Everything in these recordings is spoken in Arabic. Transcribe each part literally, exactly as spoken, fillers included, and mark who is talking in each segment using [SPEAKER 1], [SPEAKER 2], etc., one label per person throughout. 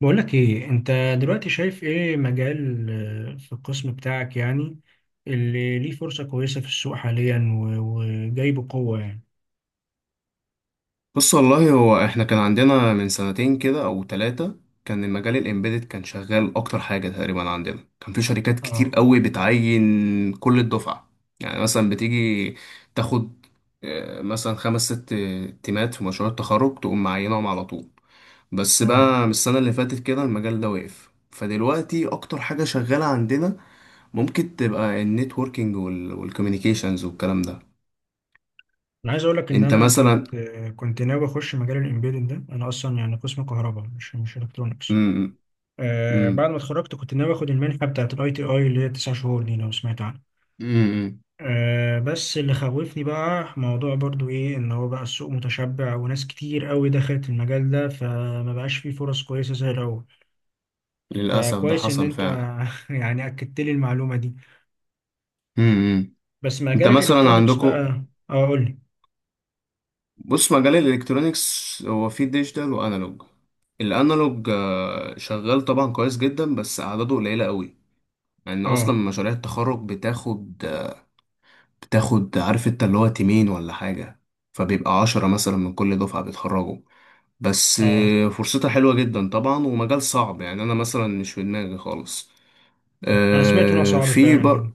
[SPEAKER 1] بقولك ايه انت دلوقتي، شايف ايه مجال، آه، في القسم بتاعك يعني، اللي ليه فرصة كويسة في السوق حاليا و- وجاي بقوة يعني؟
[SPEAKER 2] بص، والله هو احنا كان عندنا من سنتين كده او ثلاثة. كان المجال الامبيدد كان شغال اكتر حاجة تقريبا عندنا، كان في شركات كتير
[SPEAKER 1] اه،
[SPEAKER 2] قوي بتعين كل الدفعة. يعني مثلا بتيجي تاخد، آه، مثلا خمس ست تيمات في مشروع التخرج تقوم معينهم على طول. بس
[SPEAKER 1] اه،
[SPEAKER 2] بقى من السنة اللي فاتت كده المجال ده وقف، فدلوقتي أكتر حاجة شغالة عندنا ممكن تبقى النتوركينج والكوميونيكيشنز والكلام ده.
[SPEAKER 1] انا عايز اقولك ان
[SPEAKER 2] أنت
[SPEAKER 1] انا
[SPEAKER 2] مثلا.
[SPEAKER 1] كنت آه، كنت ناوي اخش مجال الامبيدد ده، انا اصلا يعني قسم كهرباء مش مش الكترونكس.
[SPEAKER 2] مم،
[SPEAKER 1] آه
[SPEAKER 2] مم،
[SPEAKER 1] بعد ما اتخرجت كنت ناوي اخد المنحة بتاعت الاي تي اي اللي هي تسع شهور دي لو سمعت عنها.
[SPEAKER 2] مم،
[SPEAKER 1] أه بس اللي خوفني بقى موضوع برضو ايه، ان هو بقى السوق متشبع وناس كتير قوي دخلت المجال ده فما بقاش فيه فرص كويسة زي الاول.
[SPEAKER 2] للأسف ده
[SPEAKER 1] فكويس ان
[SPEAKER 2] حصل
[SPEAKER 1] انت
[SPEAKER 2] فعلا.
[SPEAKER 1] يعني اكدت لي المعلومة دي.
[SPEAKER 2] امم،
[SPEAKER 1] بس
[SPEAKER 2] انت
[SPEAKER 1] مجال
[SPEAKER 2] مثلا
[SPEAKER 1] الالكترونيكس
[SPEAKER 2] عندكم.
[SPEAKER 1] بقى. اه، قول لي.
[SPEAKER 2] بص، مجال الالكترونيكس هو فيه ديجيتال وانالوج. الانالوج آه، شغال طبعا كويس جدا، بس اعداده قليلة قوي، لان اصلا
[SPEAKER 1] اه،
[SPEAKER 2] مشاريع التخرج بتاخد بتاخد عارف انت اللي هو تيمين ولا حاجة، فبيبقى عشرة مثلا من كل دفعة بيتخرجوا. بس
[SPEAKER 1] اه،
[SPEAKER 2] آه، فرصتها حلوة جدا طبعا، ومجال صعب يعني انا مثلا مش في دماغي خالص.
[SPEAKER 1] انا سمعت ان هو
[SPEAKER 2] آه،
[SPEAKER 1] صعب
[SPEAKER 2] في
[SPEAKER 1] فعلا جدا.
[SPEAKER 2] بر...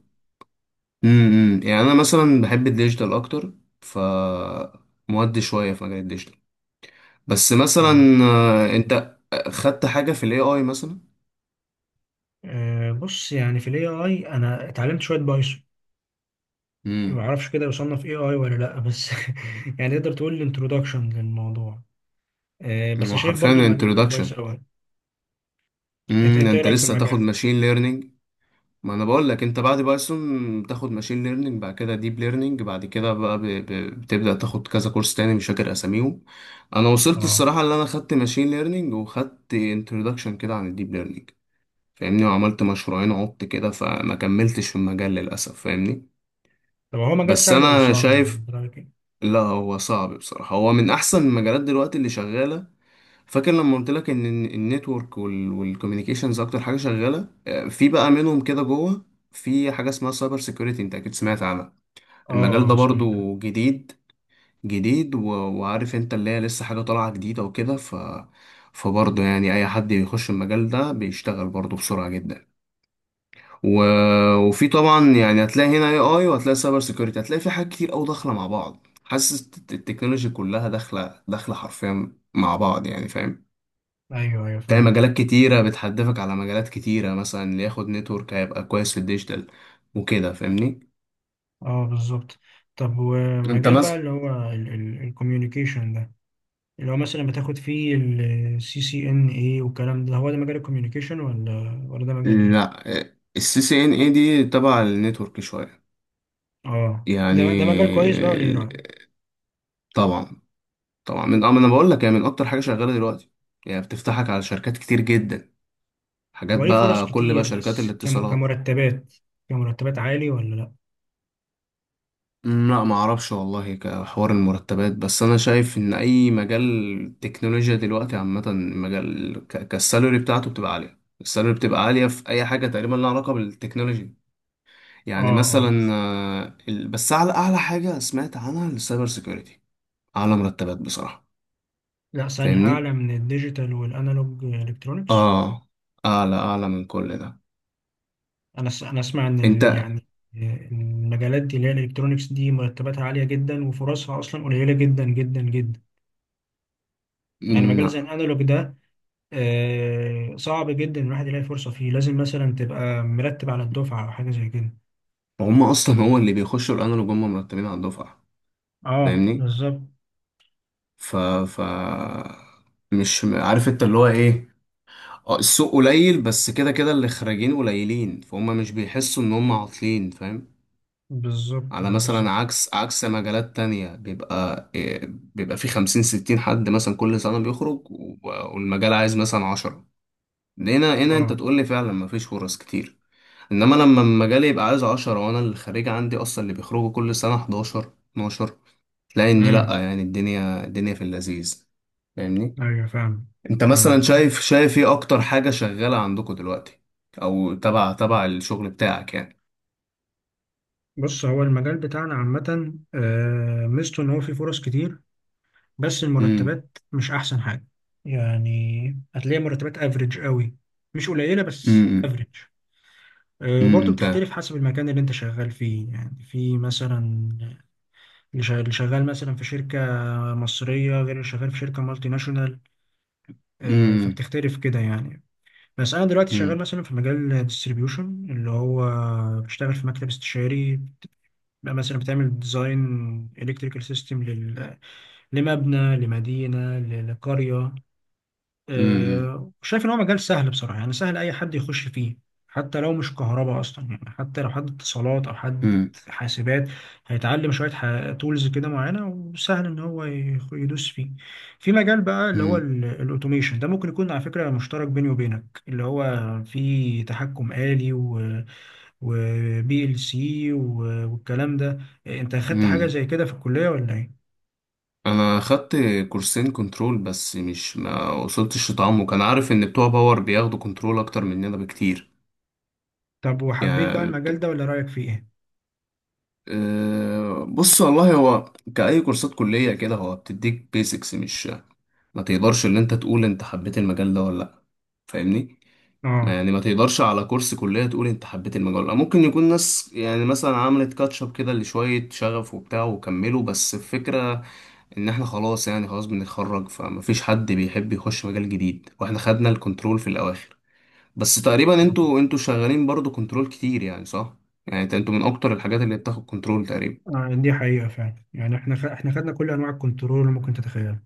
[SPEAKER 2] امم، امم. يعني انا مثلا بحب الديجيتال اكتر. ف مودي شويه في مجال الديجيتال بس
[SPEAKER 1] اه،
[SPEAKER 2] مثلا، آه، انت خدت حاجه في الاي اي مثلا.
[SPEAKER 1] آه، بص يعني في الاي اي انا اتعلمت شوية بايثون. ما
[SPEAKER 2] امم،
[SPEAKER 1] اعرفش كده يصنف اي اي ولا لا، بس يعني تقدر تقول الانترودكشن للموضوع. آه، بس
[SPEAKER 2] هو
[SPEAKER 1] شايف برضو
[SPEAKER 2] حرفيا
[SPEAKER 1] المجال ده
[SPEAKER 2] انترودكشن.
[SPEAKER 1] كويس قوي. انت
[SPEAKER 2] امم، ده
[SPEAKER 1] انت ايه
[SPEAKER 2] انت
[SPEAKER 1] رايك في
[SPEAKER 2] لسه تاخد
[SPEAKER 1] المجال ده؟
[SPEAKER 2] ماشين ليرنينج. ما انا بقول لك انت بعد بايثون تاخد ماشين ليرنينج بعد كده ديب ليرنينج بعد كده بقى ب... ب... بتبدا تاخد كذا كورس تاني مش فاكر اساميهم. انا وصلت
[SPEAKER 1] اه،
[SPEAKER 2] الصراحه اللي انا خدت ماشين ليرنينج وخدت انترودكشن كده عن الديب ليرنينج، فاهمني، وعملت مشروعين عبت كده فما كملتش في المجال للأسف، فاهمني.
[SPEAKER 1] طب هو مجال
[SPEAKER 2] بس
[SPEAKER 1] سهل ولا
[SPEAKER 2] أنا
[SPEAKER 1] صعب يعني
[SPEAKER 2] شايف،
[SPEAKER 1] انت رايك ايه؟
[SPEAKER 2] لا هو صعب بصراحة، هو من أحسن المجالات دلوقتي اللي شغالة. فاكر لما قلت لك إن ال- النتورك وال- والكوميونيكيشنز أكتر حاجة شغالة؟ آه، في بقى منهم كده جوه في حاجة اسمها سايبر سيكيورتي، أنت أكيد سمعت عنها.
[SPEAKER 1] اه،
[SPEAKER 2] المجال ده
[SPEAKER 1] آه، سمعتها.
[SPEAKER 2] برضو جديد، جديد و- وعارف أنت اللي هي لسه حاجة طالعة جديدة وكده. ف فبرضه يعني أي حد بيخش المجال ده بيشتغل برضه بسرعة جدا. و... وفي طبعا يعني هتلاقي هنا اي اي وهتلاقي سايبر سيكيورتي، هتلاقي في حاجات كتير قوي داخله مع بعض. حاسس الت- التكنولوجي كلها داخله داخله حرفيا مع بعض، يعني فاهم.
[SPEAKER 1] ايوه، ايوه،
[SPEAKER 2] تلاقي
[SPEAKER 1] فاهم.
[SPEAKER 2] مجالات كتيره بتحدفك على مجالات كتيره، مثلا اللي ياخد نتورك هيبقى كويس في الديجيتال وكده، فاهمني.
[SPEAKER 1] اه، بالظبط. طب
[SPEAKER 2] انت
[SPEAKER 1] ومجال بقى
[SPEAKER 2] مثلا.
[SPEAKER 1] اللي هو الكوميونيكيشن ده، اللي هو مثلا بتاخد فيه السي سي ان ايه والكلام ده، هو ده مجال الكوميونيكيشن ولا ولا ده مجال ايه؟
[SPEAKER 2] لا، السي سي ان اي دي تبع النتورك شويه.
[SPEAKER 1] اه، ده
[SPEAKER 2] يعني
[SPEAKER 1] ده مجال كويس بقى ولا ايه رايك؟
[SPEAKER 2] طبعا، طبعا من اه ما انا بقول لك يعني من اكتر حاجه شغاله دلوقتي. يعني بتفتحك على شركات كتير جدا،
[SPEAKER 1] هو
[SPEAKER 2] حاجات
[SPEAKER 1] ليه فرص
[SPEAKER 2] بقى كل بقى
[SPEAKER 1] كتير
[SPEAKER 2] شركات
[SPEAKER 1] بس كم
[SPEAKER 2] الاتصالات.
[SPEAKER 1] كمرتبات كمرتبات عالي ولا لا؟
[SPEAKER 2] أمم، لا ما اعرفش والله كحوار المرتبات، بس انا شايف ان اي مجال تكنولوجيا دلوقتي عامه مجال ك- كالسالوري بتاعته بتبقى عاليه، السالوري بتبقى عاليه في اي حاجه تقريبا لها علاقه بالتكنولوجي.
[SPEAKER 1] اه،
[SPEAKER 2] يعني
[SPEAKER 1] اه،
[SPEAKER 2] مثلا آه، ال- بس اعلى اعلى حاجه سمعت عنها السايبر سيكيورتي، اعلى مرتبات بصراحه.
[SPEAKER 1] لا، ثانية
[SPEAKER 2] فاهمني،
[SPEAKER 1] أعلى من الديجيتال والأنالوج إلكترونيكس.
[SPEAKER 2] اه، اعلى اعلى من كل ده.
[SPEAKER 1] انا س- انا اسمع ان ال-
[SPEAKER 2] انت.
[SPEAKER 1] يعني المجالات دي اللي هي الالكترونيكس دي مرتباتها عاليه جدا وفرصها اصلا قليله جدا جدا جدا. يعني
[SPEAKER 2] مم،
[SPEAKER 1] مجال زي
[SPEAKER 2] لا.
[SPEAKER 1] الانالوج ده، آه، صعب جدا الواحد يلاقي فرصه فيه، لازم مثلا تبقى مرتب على الدفعه او حاجه زي كده.
[SPEAKER 2] هم اصلا هو اللي بيخشوا الانالوج هم مرتبين على الدفعه،
[SPEAKER 1] اه،
[SPEAKER 2] فاهمني.
[SPEAKER 1] بالظبط،
[SPEAKER 2] ف ف مش م- عارف انت اللي هو ايه. اه السوق قليل، بس كده كده اللي خارجين قليلين، فهم مش بيحسوا ان هم عاطلين، فاهم.
[SPEAKER 1] بالظبط.
[SPEAKER 2] على
[SPEAKER 1] اه،
[SPEAKER 2] مثلا
[SPEAKER 1] بالظبط.
[SPEAKER 2] عكس عكس مجالات تانية بيبقى إيه، بيبقى في خمسين ستين حد مثلا كل سنة بيخرج و- والمجال عايز مثلا عشرة. هنا هنا انت
[SPEAKER 1] اه،
[SPEAKER 2] تقول لي فعلا مفيش فرص كتير. انما لما المجال يبقى عايز عشرة وانا اللي خارج عندي اصلا اللي بيخرجوا كل سنة حداشر اتناشر، تلاقي ان
[SPEAKER 1] امم،
[SPEAKER 2] لأ يعني الدنيا الدنيا في اللذيذ، فاهمني.
[SPEAKER 1] ايوه، فاهم.
[SPEAKER 2] انت مثلا
[SPEAKER 1] فاهمك. آه.
[SPEAKER 2] شايف شايف ايه اكتر حاجة شغالة عندكم دلوقتي، او تبع تبع الشغل بتاعك يعني.
[SPEAKER 1] بص هو المجال بتاعنا عامه، آه، ميزته ان هو فيه فرص كتير، بس
[SPEAKER 2] امم،
[SPEAKER 1] المرتبات مش احسن حاجه. يعني هتلاقي مرتبات افريج قوي، مش قليله بس
[SPEAKER 2] امم،
[SPEAKER 1] افريج. وبرضه
[SPEAKER 2] امم، ده
[SPEAKER 1] بتختلف حسب المكان اللي انت شغال فيه، يعني في مثلا اللي شغال اللي شغال مثلا في شركه مصريه غير اللي شغال في شركه مالتي ناشونال. آه،
[SPEAKER 2] امم،
[SPEAKER 1] فبتختلف كده يعني. بس انا دلوقتي شغال
[SPEAKER 2] امم،
[SPEAKER 1] مثلا في مجال ديستريبيوشن اللي هو بشتغل في مكتب استشاري، بقى مثلا بتعمل ديزاين الكتريكال سيستم لمبنى لمدينه ل- لقريه.
[SPEAKER 2] امم،
[SPEAKER 1] آه، شايف ان هو مجال سهل بصراحه، يعني سهل اي حد يخش فيه، حتى لو مش كهرباء اصلا، يعني حتى لو حد اتصالات او حد
[SPEAKER 2] امم،
[SPEAKER 1] حاسبات هيتعلم شويه تولز كده معينه وسهل ان هو يخ- يدوس فيه. في مجال بقى اللي هو
[SPEAKER 2] امم،
[SPEAKER 1] ال- الاوتوميشن ده، ممكن يكون على فكره مشترك بيني وبينك، اللي هو فيه تحكم آلي وبي ال سي والكلام ده. انت اخدت حاجه
[SPEAKER 2] امم،
[SPEAKER 1] زي كده في الكليه ولا ايه؟
[SPEAKER 2] انا خدت كورسين كنترول، بس مش ما وصلتش لتعمق، انا عارف ان بتوع باور بياخدوا كنترول اكتر مننا بكتير.
[SPEAKER 1] طب وحبيت بقى
[SPEAKER 2] يعني،
[SPEAKER 1] المجال ده ولا رايك فيه ايه؟
[SPEAKER 2] أه، بص والله هو كأي كورسات كلية كده هو بتديك بيسكس، مش ما تقدرش ان انت تقول انت حبيت المجال ده ولا لا، فاهمني. ما
[SPEAKER 1] اه،
[SPEAKER 2] يعني ما تقدرش على كورس كلية تقول انت حبيت المجال ولا لا. ممكن يكون ناس يعني مثلا عملت كاتشب كده لشوية شغف وبتاع وكملوا، بس الفكرة ان احنا خلاص يعني خلاص بنتخرج، فما فيش حد بيحب يخش مجال جديد، واحنا خدنا الكنترول في الاواخر. بس تقريبا انتوا انتوا شغالين برضو كنترول كتير يعني، صح؟ يعني انت- انتوا من اكتر الحاجات اللي بتاخد كنترول تقريبا.
[SPEAKER 1] آه، دي حقيقة فعلا، يعني احنا خ... احنا خدنا كل انواع الكنترول اللي ممكن تتخيلها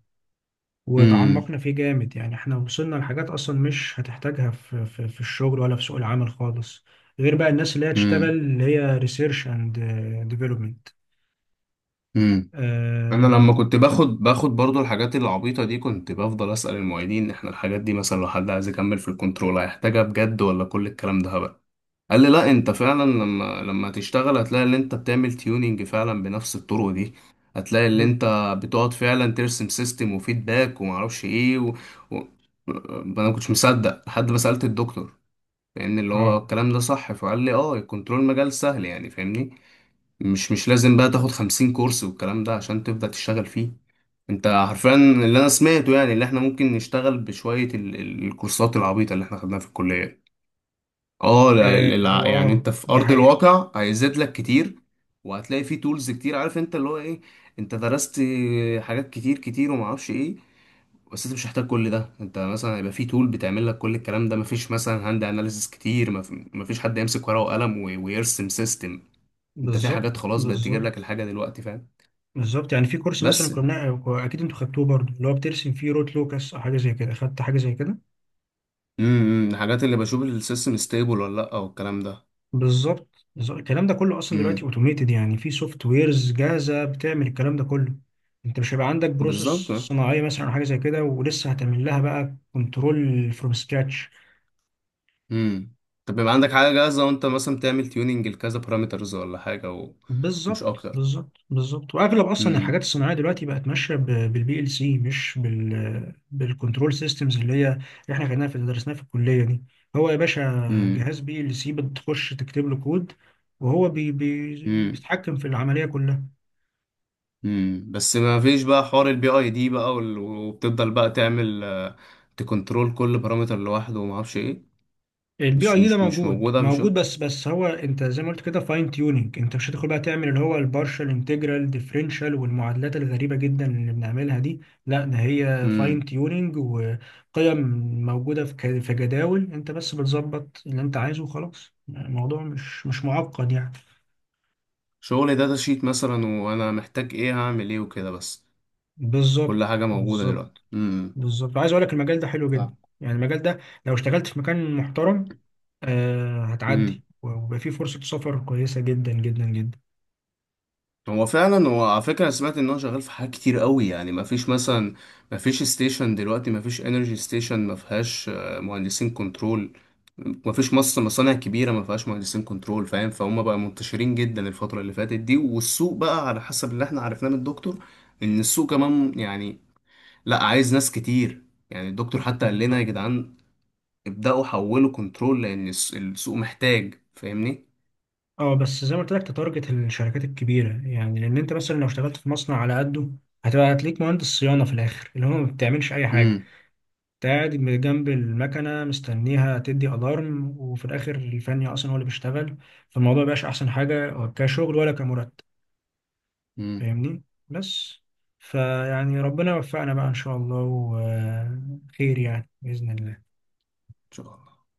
[SPEAKER 2] امم،
[SPEAKER 1] وتعمقنا فيه جامد، يعني احنا وصلنا لحاجات اصلا مش هتحتاجها في في, في الشغل ولا في سوق العمل خالص، غير بقى الناس اللي هي تشتغل
[SPEAKER 2] امم،
[SPEAKER 1] اللي هي ريسيرش اند ديفلوبمنت.
[SPEAKER 2] امم، انا لما
[SPEAKER 1] اه.
[SPEAKER 2] كنت باخد باخد برضو الحاجات العبيطه دي كنت بفضل اسال المعيدين، احنا الحاجات دي مثلا لو حد عايز يكمل في الكنترول هيحتاجها بجد، ولا كل الكلام ده هبل؟ قال لي لا، انت فعلا لما لما تشتغل هتلاقي ان انت بتعمل تيوننج فعلا بنفس الطرق دي. هتلاقي ان
[SPEAKER 1] ب...
[SPEAKER 2] انت بتقعد فعلا ترسم سيستم وفيدباك ومعرفش ايه. و... و... انا ما كنتش مصدق لحد ما سالت الدكتور، لان اللي هو
[SPEAKER 1] اه،
[SPEAKER 2] الكلام ده صح، فقال لي اه الكنترول مجال سهل يعني، فاهمني. مش مش لازم بقى تاخد خمسين كورس والكلام ده عشان تبدأ تشتغل فيه. انت حرفيا اللي انا سمعته يعني اللي احنا ممكن نشتغل بشوية ال- ال- الكورسات العبيطة اللي احنا خدناها في الكلية. اه لا-
[SPEAKER 1] آه،
[SPEAKER 2] لا-
[SPEAKER 1] هو
[SPEAKER 2] لا، يعني
[SPEAKER 1] اه
[SPEAKER 2] انت في
[SPEAKER 1] دي
[SPEAKER 2] ارض
[SPEAKER 1] حقيقة.
[SPEAKER 2] الواقع هيزيد لك كتير، وهتلاقي فيه تولز كتير، عارف انت اللي هو ايه. انت درست حاجات كتير كتير وما اعرفش ايه، بس انت مش محتاج كل ده. انت مثلا هيبقى في تول بتعمل لك كل الكلام ده، مفيش مثلا هاند اناليسيس كتير، مف- مفيش حد يمسك ورقة وقلم وي- ويرسم سيستم. انت في حاجات
[SPEAKER 1] بالظبط،
[SPEAKER 2] خلاص بقت تجيب لك
[SPEAKER 1] بالظبط،
[SPEAKER 2] الحاجه دلوقتي، فاهم.
[SPEAKER 1] بالظبط. يعني في كورس مثلا
[SPEAKER 2] بس
[SPEAKER 1] كنا اكيد انتوا خدتوه برضه اللي هو بترسم فيه روت لوكس او حاجة زي كده، خدت حاجة زي كده.
[SPEAKER 2] امم، الحاجات اللي بشوف السيستم ستيبل ولا لا والكلام ده.
[SPEAKER 1] بالظبط، بالظبط. الكلام ده كله اصلا دلوقتي
[SPEAKER 2] امم،
[SPEAKER 1] اوتوميتد، يعني في سوفت ويرز جاهزه بتعمل الكلام ده كله. انت مش هيبقى عندك
[SPEAKER 2] بالظبط
[SPEAKER 1] بروسيس
[SPEAKER 2] اه.
[SPEAKER 1] صناعيه مثلا او حاجه زي كده ولسه هتعمل لها بقى كنترول فروم سكراتش.
[SPEAKER 2] امم، طب يبقى عندك حاجه جاهزه وانت مثلا تعمل تيوننج لكذا بارامترز ولا حاجه، ومش
[SPEAKER 1] بالظبط،
[SPEAKER 2] اكتر.
[SPEAKER 1] بالظبط، بالظبط، واغلب اصلا الحاجات
[SPEAKER 2] امم،
[SPEAKER 1] الصناعيه دلوقتي بقت ماشيه بالبي ال سي، مش بال بالكنترول سيستمز اللي هي اللي احنا خدناها في درسناها في الكليه دي. هو يا باشا،
[SPEAKER 2] امم،
[SPEAKER 1] جهاز بي ال سي بتخش تكتب له كود، وهو بي بي-
[SPEAKER 2] امم،
[SPEAKER 1] بيتحكم في العمليه كلها.
[SPEAKER 2] امم، بس ما فيش بقى حوار البي اي دي بقى، وال- وبتفضل بقى تعمل، آه، تكنترول كل بارامتر لوحده وما اعرفش ايه.
[SPEAKER 1] البي
[SPEAKER 2] مش
[SPEAKER 1] اي ده
[SPEAKER 2] مش مش
[SPEAKER 1] موجود
[SPEAKER 2] موجوده في
[SPEAKER 1] موجود،
[SPEAKER 2] شغل.
[SPEAKER 1] بس بس هو انت زي ما قلت كده فاين تيوننج، انت مش هتدخل بقى تعمل اللي هو البارشال انتجرال ديفرنشال والمعادلات الغريبه جدا اللي بنعملها دي. لا، ده هي
[SPEAKER 2] امم،
[SPEAKER 1] فاين تيوننج وقيم موجوده في ك- في جداول، انت بس بتظبط اللي انت عايزه وخلاص، الموضوع مش مش معقد يعني.
[SPEAKER 2] شغل داتا شيت مثلا، وانا محتاج ايه هعمل ايه وكده بس. كل
[SPEAKER 1] بالظبط،
[SPEAKER 2] حاجة موجودة دلوقتي،
[SPEAKER 1] بالظبط،
[SPEAKER 2] امم،
[SPEAKER 1] بالظبط، عايز اقول لك المجال ده حلو
[SPEAKER 2] فاهم.
[SPEAKER 1] جدا. يعني المجال ده، لو اشتغلت في مكان محترم، آه هتعدي
[SPEAKER 2] امم،
[SPEAKER 1] ويبقى فيه فرصه سفر كويسه جدا جدا جدا.
[SPEAKER 2] هو فعلا هو على فكرة أنا سمعت ان هو شغال في حاجات كتير قوي، يعني ما فيش مثلا ما فيش ستيشن دلوقتي، ما فيش انرجي ستيشن ما فيهاش آه، مهندسين كنترول. ما فيش مصر مصانع كبيرة ما فيهاش مهندسين كنترول، فاهم، فهم بقى منتشرين جدا الفترة اللي فاتت دي. والسوق بقى على حسب اللي احنا عرفناه من الدكتور ان السوق كمان يعني لا، عايز ناس كتير. يعني الدكتور حتى قال لنا يا
[SPEAKER 1] بالظبط.
[SPEAKER 2] جدعان ابدأوا حولوا كنترول لان الس- السوق محتاج، فاهمني.
[SPEAKER 1] اه، بس زي ما قلت لك تتارجت الشركات الكبيره، يعني لان انت مثلا لو اشتغلت في مصنع على قده هتبقى هتليك مهندس صيانه في الاخر اللي هو ما بتعملش اي حاجه. انت قاعد من جنب المكنه مستنيها تدي الارم وفي الاخر الفني اصلا هو اللي بيشتغل. فالموضوع مبقاش احسن حاجه كشغل ولا كمرتب،
[SPEAKER 2] امم،
[SPEAKER 1] فاهمني، بس فيعني ربنا يوفقنا بقى ان شاء الله وخير يعني باذن الله.
[SPEAKER 2] ان شاء الله.